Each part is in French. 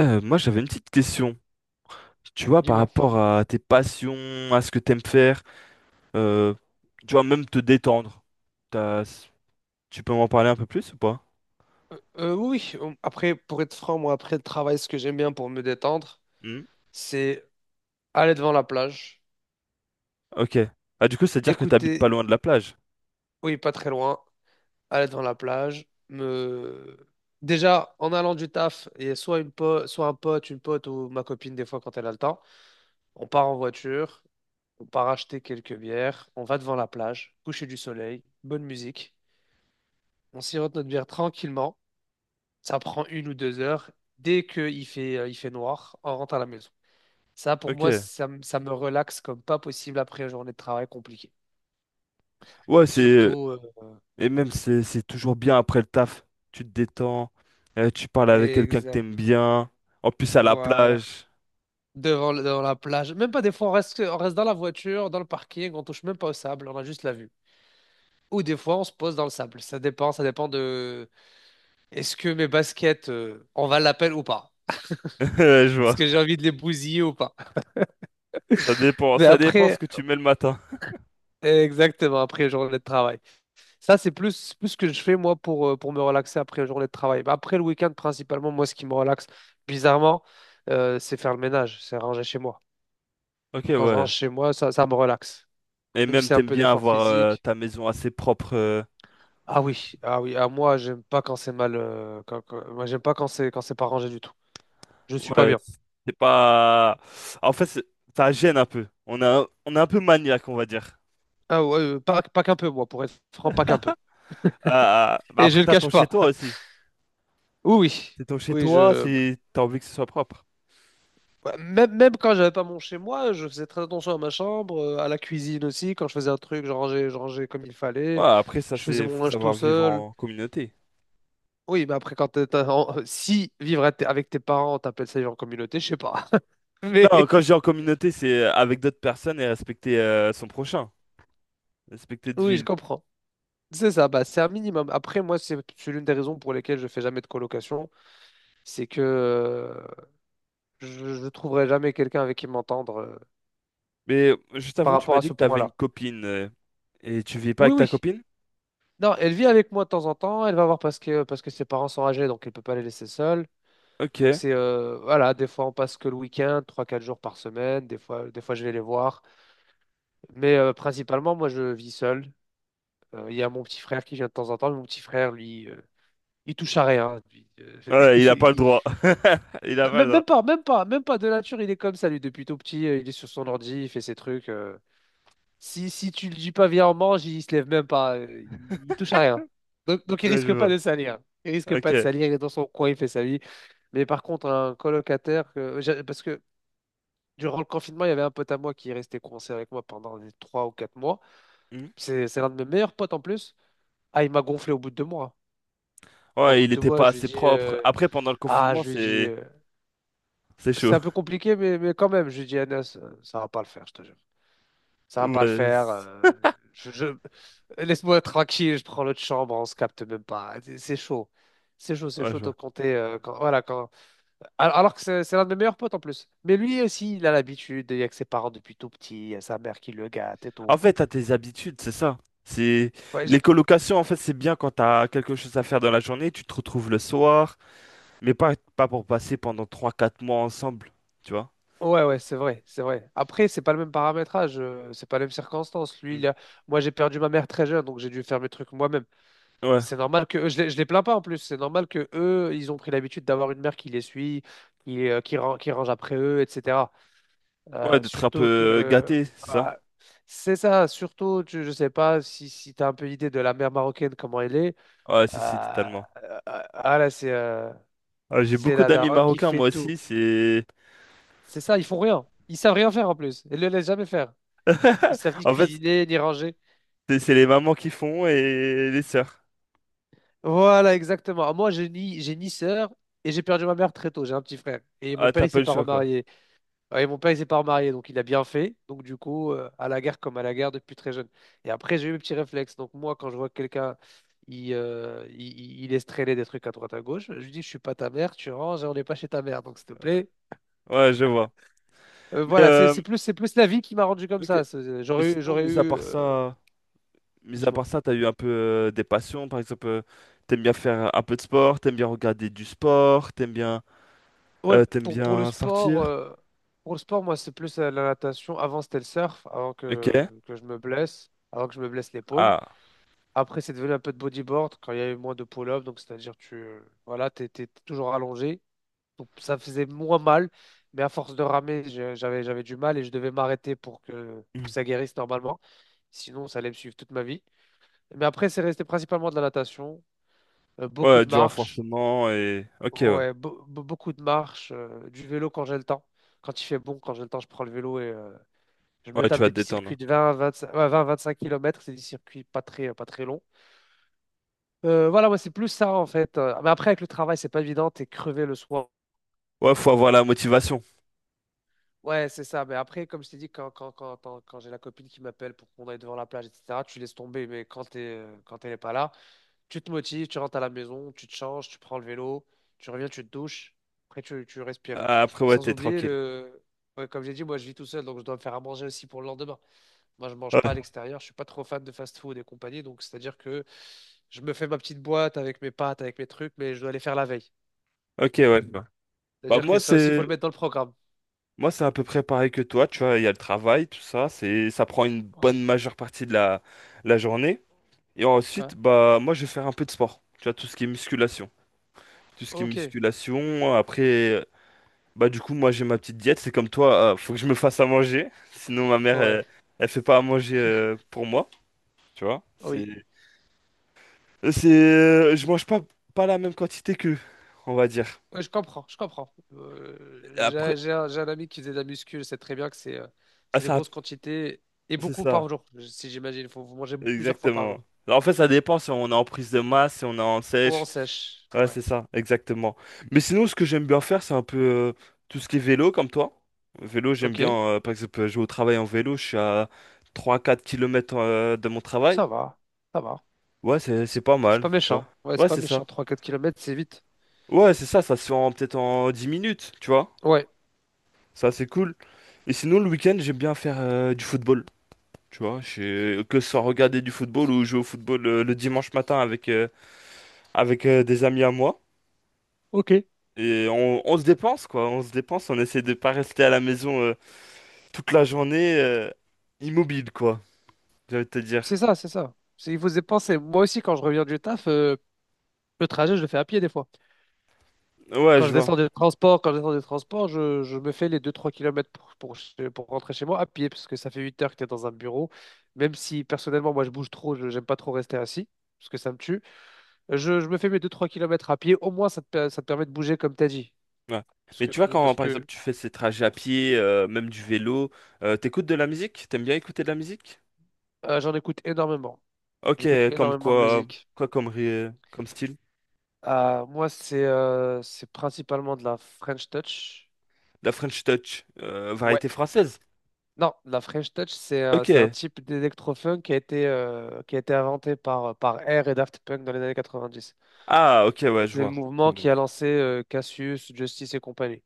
Moi, j'avais une petite question. Tu vois, par Dis-moi. rapport à tes passions, à ce que t'aimes faire, euh, tu vois, même te détendre. T'as- Tu peux m'en parler un peu plus ou pas? Oui, après, pour être franc, moi, après le travail, ce que j'aime bien pour me détendre, Hmm. c'est aller devant la plage, Ok. Ah, du coup, c'est-à-dire que t'habites pas écouter, loin de la plage. oui, pas très loin, aller devant la plage, me... Déjà, en allant du taf, il y a soit un pote, une pote ou ma copine, des fois, quand elle a le temps, on part en voiture, on part acheter quelques bières, on va devant la plage, coucher du soleil, bonne musique, on sirote notre bière tranquillement, ça prend 1 ou 2 heures, dès qu'il fait noir, on rentre à la maison. Ça, pour moi, Ok. ça me relaxe comme pas possible après une journée de travail compliquée. Ouais, c'est. Surtout, euh, Et même, c'est toujours bien après le taf. Tu te détends, tu parles avec quelqu'un que Exact. t'aimes bien. En plus, à la Voilà. plage. Devant la plage. Même pas des fois, on reste dans la voiture, dans le parking, on touche même pas au sable, on a juste la vue. Ou des fois, on se pose dans le sable. Ça dépend de est-ce que mes baskets, on va l'appel ou pas? Ouais, je Est-ce vois. que j'ai envie de les bousiller ou pas? Mais Ça dépend ce après, que tu mets le matin. exactement, après une journée de travail. Ça, c'est plus ce que je fais, moi, pour me relaxer après la journée de travail. Bah, après le week-end, principalement, moi, ce qui me relaxe, bizarrement, c'est faire le ménage, c'est ranger chez moi. Ok, Quand je ouais. range chez moi, ça me relaxe. Et Même si même, c'est un t'aimes peu bien d'effort avoir physique. ta maison assez propre. Ah oui, ah oui, à moi, j'aime pas quand c'est mal. Moi, j'aime pas quand c'est pas rangé du tout. Je suis pas Ouais, bien. c'est pas. En fait, ça gêne un peu. On est un peu maniaque, on va dire. Ah ouais, pas qu'un peu, moi, pour être franc, pas qu'un peu. Bah Et je après, le t'as cache ton chez pas. toi aussi. Oui, oui, C'est ton chez oui, toi, je, c'est t'as envie que ce soit propre. Ouais, Même, même quand j'avais pas mon chez moi, je faisais très attention à ma chambre, à la cuisine aussi. Quand je faisais un truc, je rangeais comme il Ouais, fallait. après, ça, Je faisais c'est mon faut linge tout savoir vivre seul. en communauté. Oui, mais après, quand t'es- t'as- en- si vivre avec tes parents, t'appelles ça vivre en communauté, je sais pas. Non, Mais quand je dis en communauté, c'est avec d'autres personnes et respecter son prochain, respecter de oui, je ville. comprends. C'est ça, bah, c'est un minimum. Après, moi, c'est l'une des raisons pour lesquelles je fais jamais de colocation. C'est que je ne trouverai jamais quelqu'un avec qui m'entendre Mais juste par avant, tu rapport m'as à dit ce que t'avais une point-là. copine et tu vis pas Oui, avec ta oui. copine? Non, elle vit avec moi de temps en temps. Elle va voir parce que, ses parents sont âgés, donc elle peut pas les laisser seuls. Donc Ok. c'est voilà, des fois on passe que le week-end, trois quatre jours par semaine, des fois, je vais les voir. Mais principalement, moi je vis seul. Il y a mon petit frère qui vient de temps en temps, mais mon petit frère, lui, il touche à rien. Lui, Ouais, il a pas le il- droit. Il a pas le Même, droit. même pas, même pas, même pas de nature, il est comme ça, lui, depuis tout petit, il est sur son ordi, il fait ses trucs. Si, tu le dis pas viens on mange, il se lève même pas, il touche à rien. Donc, il Ouais, je risque pas vois. de salir. Il risque pas de Ok. salir, il est dans son coin, il fait sa vie. Mais par contre, un colocataire, parce que durant le confinement, il y avait un pote à moi qui est resté coincé avec moi pendant les 3 ou 4 mois. C'est l'un de mes meilleurs potes en plus. Ah, il m'a gonflé au bout de 2 mois. Au Ouais, bout il de deux était mois, pas je lui assez dis, propre. Après, pendant le ah, confinement, je lui dis, c'est euh, c'est c'est chaud. un peu compliqué, mais, quand même, je lui dis, Anas, ça va pas le faire, je te jure. Ça va pas le Ouais, faire. Je, je- Laisse-moi tranquille, je prends l'autre chambre, on se capte même pas. C'est chaud. C'est chaud, c'est ouais, je chaud de vois. compter. Quand, voilà, quand... Alors que c'est l'un de mes meilleurs potes en plus. Mais lui aussi, il a l'habitude, il y a que ses parents depuis tout petit, il y a sa mère qui le gâte et En tout. fait, t'as tes habitudes, c'est ça. C'est Ouais, les colocations, en fait, c'est bien quand t'as quelque chose à faire dans la journée, tu te retrouves le soir, mais pas pour passer pendant 3-4 mois ensemble, tu vois. ouais, ouais, c'est vrai, c'est vrai. Après, c'est pas le même paramétrage, c'est pas les mêmes circonstances. Lui, Mm. Moi, j'ai perdu ma mère très jeune, donc j'ai dû faire mes trucs moi-même. Ouais, C'est normal que je les plains pas en plus. C'est normal que eux, ils ont pris l'habitude d'avoir une mère qui les suit, qui range après eux, etc. ouais, Euh, d'être un peu surtout que gâté, c'est ça. ah, c'est ça. Surtout, je sais pas si tu as un peu idée de la mère marocaine, comment elle est. Ouais, si, si, Euh, totalement. euh, ah là, c'est euh, Ouais, j'ai c'est beaucoup la d'amis daronne qui marocains, fait moi tout. aussi, c'est. C'est ça, ils font rien. Ils savent rien faire en plus. Ils le laissent jamais faire. Ils savent ni En fait, cuisiner, ni ranger. c'est les mamans qui font et les sœurs. Voilà, exactement. Moi, j'ai ni sœur et j'ai perdu ma mère très tôt. J'ai un petit frère. Et mon Ah, père, t'as il pas s'est le pas choix, quoi. remarié. Ouais, mon père, il s'est pas remarié, donc il a bien fait. Donc, du coup, à la guerre comme à la guerre depuis très jeune. Et après, j'ai eu mes petits réflexes. Donc, moi, quand je vois que quelqu'un, il laisse traîner des trucs à droite à gauche, je lui dis, je suis pas ta mère, tu ranges et on n'est pas chez ta mère. Donc, s'il te plaît. Ouais, je vois. Euh, Mais, voilà, c'est c'est plus, c'est plus la vie qui m'a rendu comme ok. ça. C'est- euh, Mais J'aurais eu, sinon, j'aurais mis à eu, part euh, ça, mis à dis-moi. part ça, t'as eu un peu des passions, par exemple, t'aimes bien faire un peu de sport, t'aimes bien regarder du sport, t'aimes bien, Ouais, euh, t'aimes pour le bien sport, sortir. Moi, c'est plus la natation. Avant, c'était le surf, Ok. Avant que je me blesse l'épaule. Ah. Après, c'est devenu un peu de bodyboard quand il y avait moins de pull-up, donc c'est-à-dire tu voilà, t'étais toujours allongé, donc ça faisait moins mal, mais à force de ramer, j'avais du mal et je devais m'arrêter pour que Hmm. ça guérisse normalement, sinon ça allait me suivre toute ma vie. Mais après, c'est resté principalement de la natation, beaucoup Ouais, de du marches, renforcement et. Ok, ouais. ouais, du vélo quand j'ai le temps, quand il fait bon, quand j'ai le temps, je prends le vélo et je me Ouais, tu tape vas des te petits circuits détendre. de 20, 25, ouais, 20, 25 km, c'est des circuits pas très longs. Voilà, ouais, c'est plus ça en fait. Mais après, avec le travail, c'est pas évident, t'es crevé le soir. Ouais, faut avoir la motivation. Ouais, c'est ça. Mais après, comme je t'ai dit, quand j'ai la copine qui m'appelle pour qu'on aille devant la plage, etc., tu laisses tomber. Mais quand elle n'est pas là, tu te motives, tu rentres à la maison, tu te changes, tu prends le vélo, tu reviens, tu te douches, après tu respires. Ah, après, ouais, Sans t'es oublier tranquille. le. Ouais, comme j'ai dit, moi je vis tout seul, donc je dois me faire à manger aussi pour le lendemain. Moi, je mange pas à Ouais. l'extérieur, je suis pas trop fan de fast-food et compagnie, donc c'est-à-dire que je me fais ma petite boîte avec mes pâtes, avec mes trucs, mais je dois aller faire la veille. Ok, ouais. Ouais. Bah, C'est-à-dire que ça aussi, il faut le mettre dans le programme. Moi, c'est à peu près pareil que toi, tu vois, il y a le travail, tout ça, c'est, ça prend une Ouais. bonne majeure partie de la journée. Et Ouais. ensuite, bah, moi, je vais faire un peu de sport. Tu vois, tout ce qui est musculation. Tout ce qui est Ok. musculation. Après, bah, du coup, moi, j'ai ma petite diète. C'est comme toi, faut que je me fasse à manger. Sinon, ma mère, Ouais. elle fait pas à manger pour moi. Tu vois, Oui. Je mange pas la même quantité qu'eux, on va dire. Ouais, je comprends. Je comprends. Euh, j'ai Après, j'ai un, j'ai un ami qui faisait de la muscu. Je sais très bien que c'est euh, ah, c'est des ça, grosses quantités et c'est beaucoup ça, par jour. Si j'imagine, il faut vous manger plusieurs fois par exactement. jour. En fait, ça dépend si on est en prise de masse, si on est en Ou en sèche. sèche. Ouais, Ouais. c'est ça, exactement. Mais sinon, ce que j'aime bien faire, c'est un peu tout ce qui est vélo, comme toi. Vélo, j'aime Ok. bien, par exemple, je vais au travail en vélo, je suis à 3-4 km de mon travail. Ça va. Ça va. Ouais, c'est C'est pas c'est mal, pas tu vois. méchant. Ouais, Ouais, c'est pas c'est méchant. ça. Trois, quatre kilomètres, c'est vite. Ouais, c'est ça, ça se fait en peut-être en 10 minutes, tu vois. Ouais. Ça, c'est cool. Et sinon, le week-end, j'aime bien faire du football, tu vois. Que ce soit regarder du football ou jouer au football le dimanche matin avec des amis à moi. Ok. Et on se dépense, quoi. On se dépense, on essaie de pas rester à la maison toute la journée immobile, quoi. J'ai envie de te dire. C'est ça, c'est ça. Il faut se dépenser. Moi aussi, quand je reviens du taf, le trajet, je le fais à pied des fois. Ouais, je vois. Quand je descends des transports, je me fais les deux trois kilomètres pour rentrer chez moi à pied, parce que ça fait 8 heures que tu es dans un bureau. Même si personnellement, moi, je bouge trop, je n'aime pas trop rester assis, parce que ça me tue. Je me fais mes deux trois kilomètres à pied, au moins ça te permet de bouger comme tu as dit. Ouais. Parce Mais tu vois, que, quand parce par exemple que tu fais ces trajets à pied, même du vélo, t'écoutes de la musique? T'aimes bien écouter de la musique? euh, j'en écoute énormément. Ok, J'écoute comme énormément de quoi, musique. quoi comme, comme style? Moi, c'est c'est principalement de la French Touch. La French Touch, variété française. Non, la French Touch, c'est c'est un Ok. type d'électro-funk qui a été inventé par Air et Daft Punk dans les années 90. Ah, ok, ouais, je C'est le vois. C'est mouvement bon. qui a lancé Cassius, Justice et compagnie.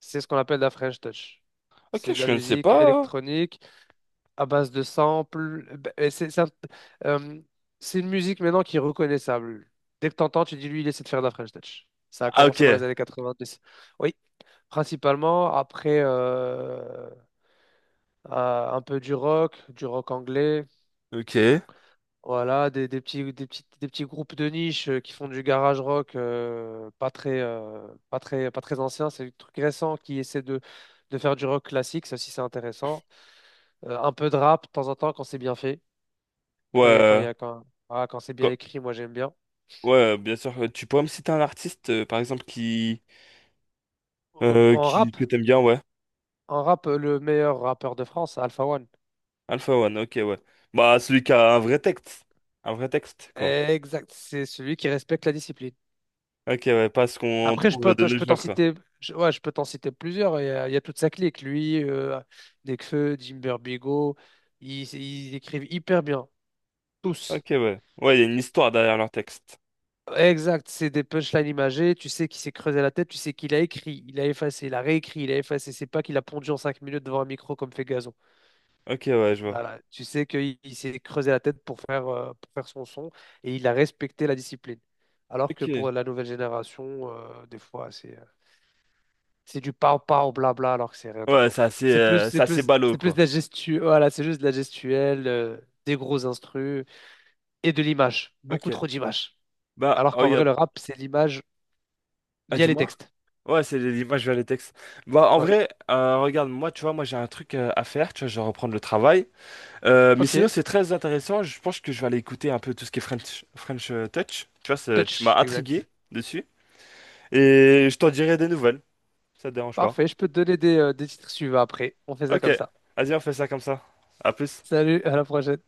C'est ce qu'on appelle la French Touch. Ok, C'est de je la connaissais musique pas, hein. électronique à base de samples. Euh, c'est une musique maintenant qui est reconnaissable. Dès que t'entends, tu dis lui, il essaie de faire de la French Touch. Ça a Ah, commencé dans les ok. années 90. Oui, principalement après. Un peu du rock anglais, Ok. voilà, des petits groupes de niche qui font du garage rock pas très ancien, c'est des trucs récents qui essaient de faire du rock classique, ça aussi c'est intéressant. Un peu de rap de temps en temps quand c'est bien fait, quand il y a, quand il Ouais. y a, quand c'est bien écrit, moi j'aime bien. Ouais, bien sûr. Tu pourrais me citer un artiste, par exemple, qui, Euh, euh, En qui rap, que t'aimes bien, ouais. en rap, le meilleur rappeur de France, Alpha One. Alpha One, ok, ouais. Bah, celui qui a un vrai texte. Un vrai texte, quoi. Exact, c'est celui qui respecte la discipline. Ok, ouais, pas ce qu'on Après, trouve de nos jours, quoi. Ouais, je peux t'en citer plusieurs. Il y a toute sa clique. Lui, Nekfeu, Jim Bigo, ils écrivent hyper bien. Ok, Tous. ouais. Ouais, il y a une histoire derrière leur texte. Exact. C'est des punchlines imagées. Tu sais qu'il s'est creusé la tête. Tu sais qu'il a écrit, il a effacé, il a réécrit, il a effacé. C'est pas qu'il a pondu en 5 minutes devant un micro comme fait Gazon. Ok, ouais, je vois. Voilà. Tu sais qu'il il s'est creusé la tête pour faire son et il a respecté la discipline. Alors que Ok. pour la nouvelle génération, des fois, c'est. C'est du pow pow blabla alors que c'est rien du Ouais, tout en c'est fait. assez, C'est plus, euh, c'est c'est assez plus, ballot, c'est plus quoi. de la gestu... voilà, c'est juste de la gestuelle, des gros instrus et de l'image. Beaucoup Ok. trop d'images. Bah, Alors oh, qu'en vrai, regarde. le rap, c'est l'image Ah, via les dis-moi. textes. Ouais, c'est les images vers les textes. Bah, en Ouais. vrai, regarde, moi, tu vois, moi, j'ai un truc à faire, tu vois, je vais reprendre le travail. Mais Ok. sinon, c'est très intéressant. Je pense que je vais aller écouter un peu tout ce qui est French Touch. Tu vois, tu Touch, m'as exact. intrigué dessus. Et je t'en dirai des nouvelles. Ça te dérange pas. Parfait. Je peux te donner des titres suivants après. On fait ça Ok. comme ça. Vas-y, on fait ça comme ça. À plus. Salut, à la prochaine.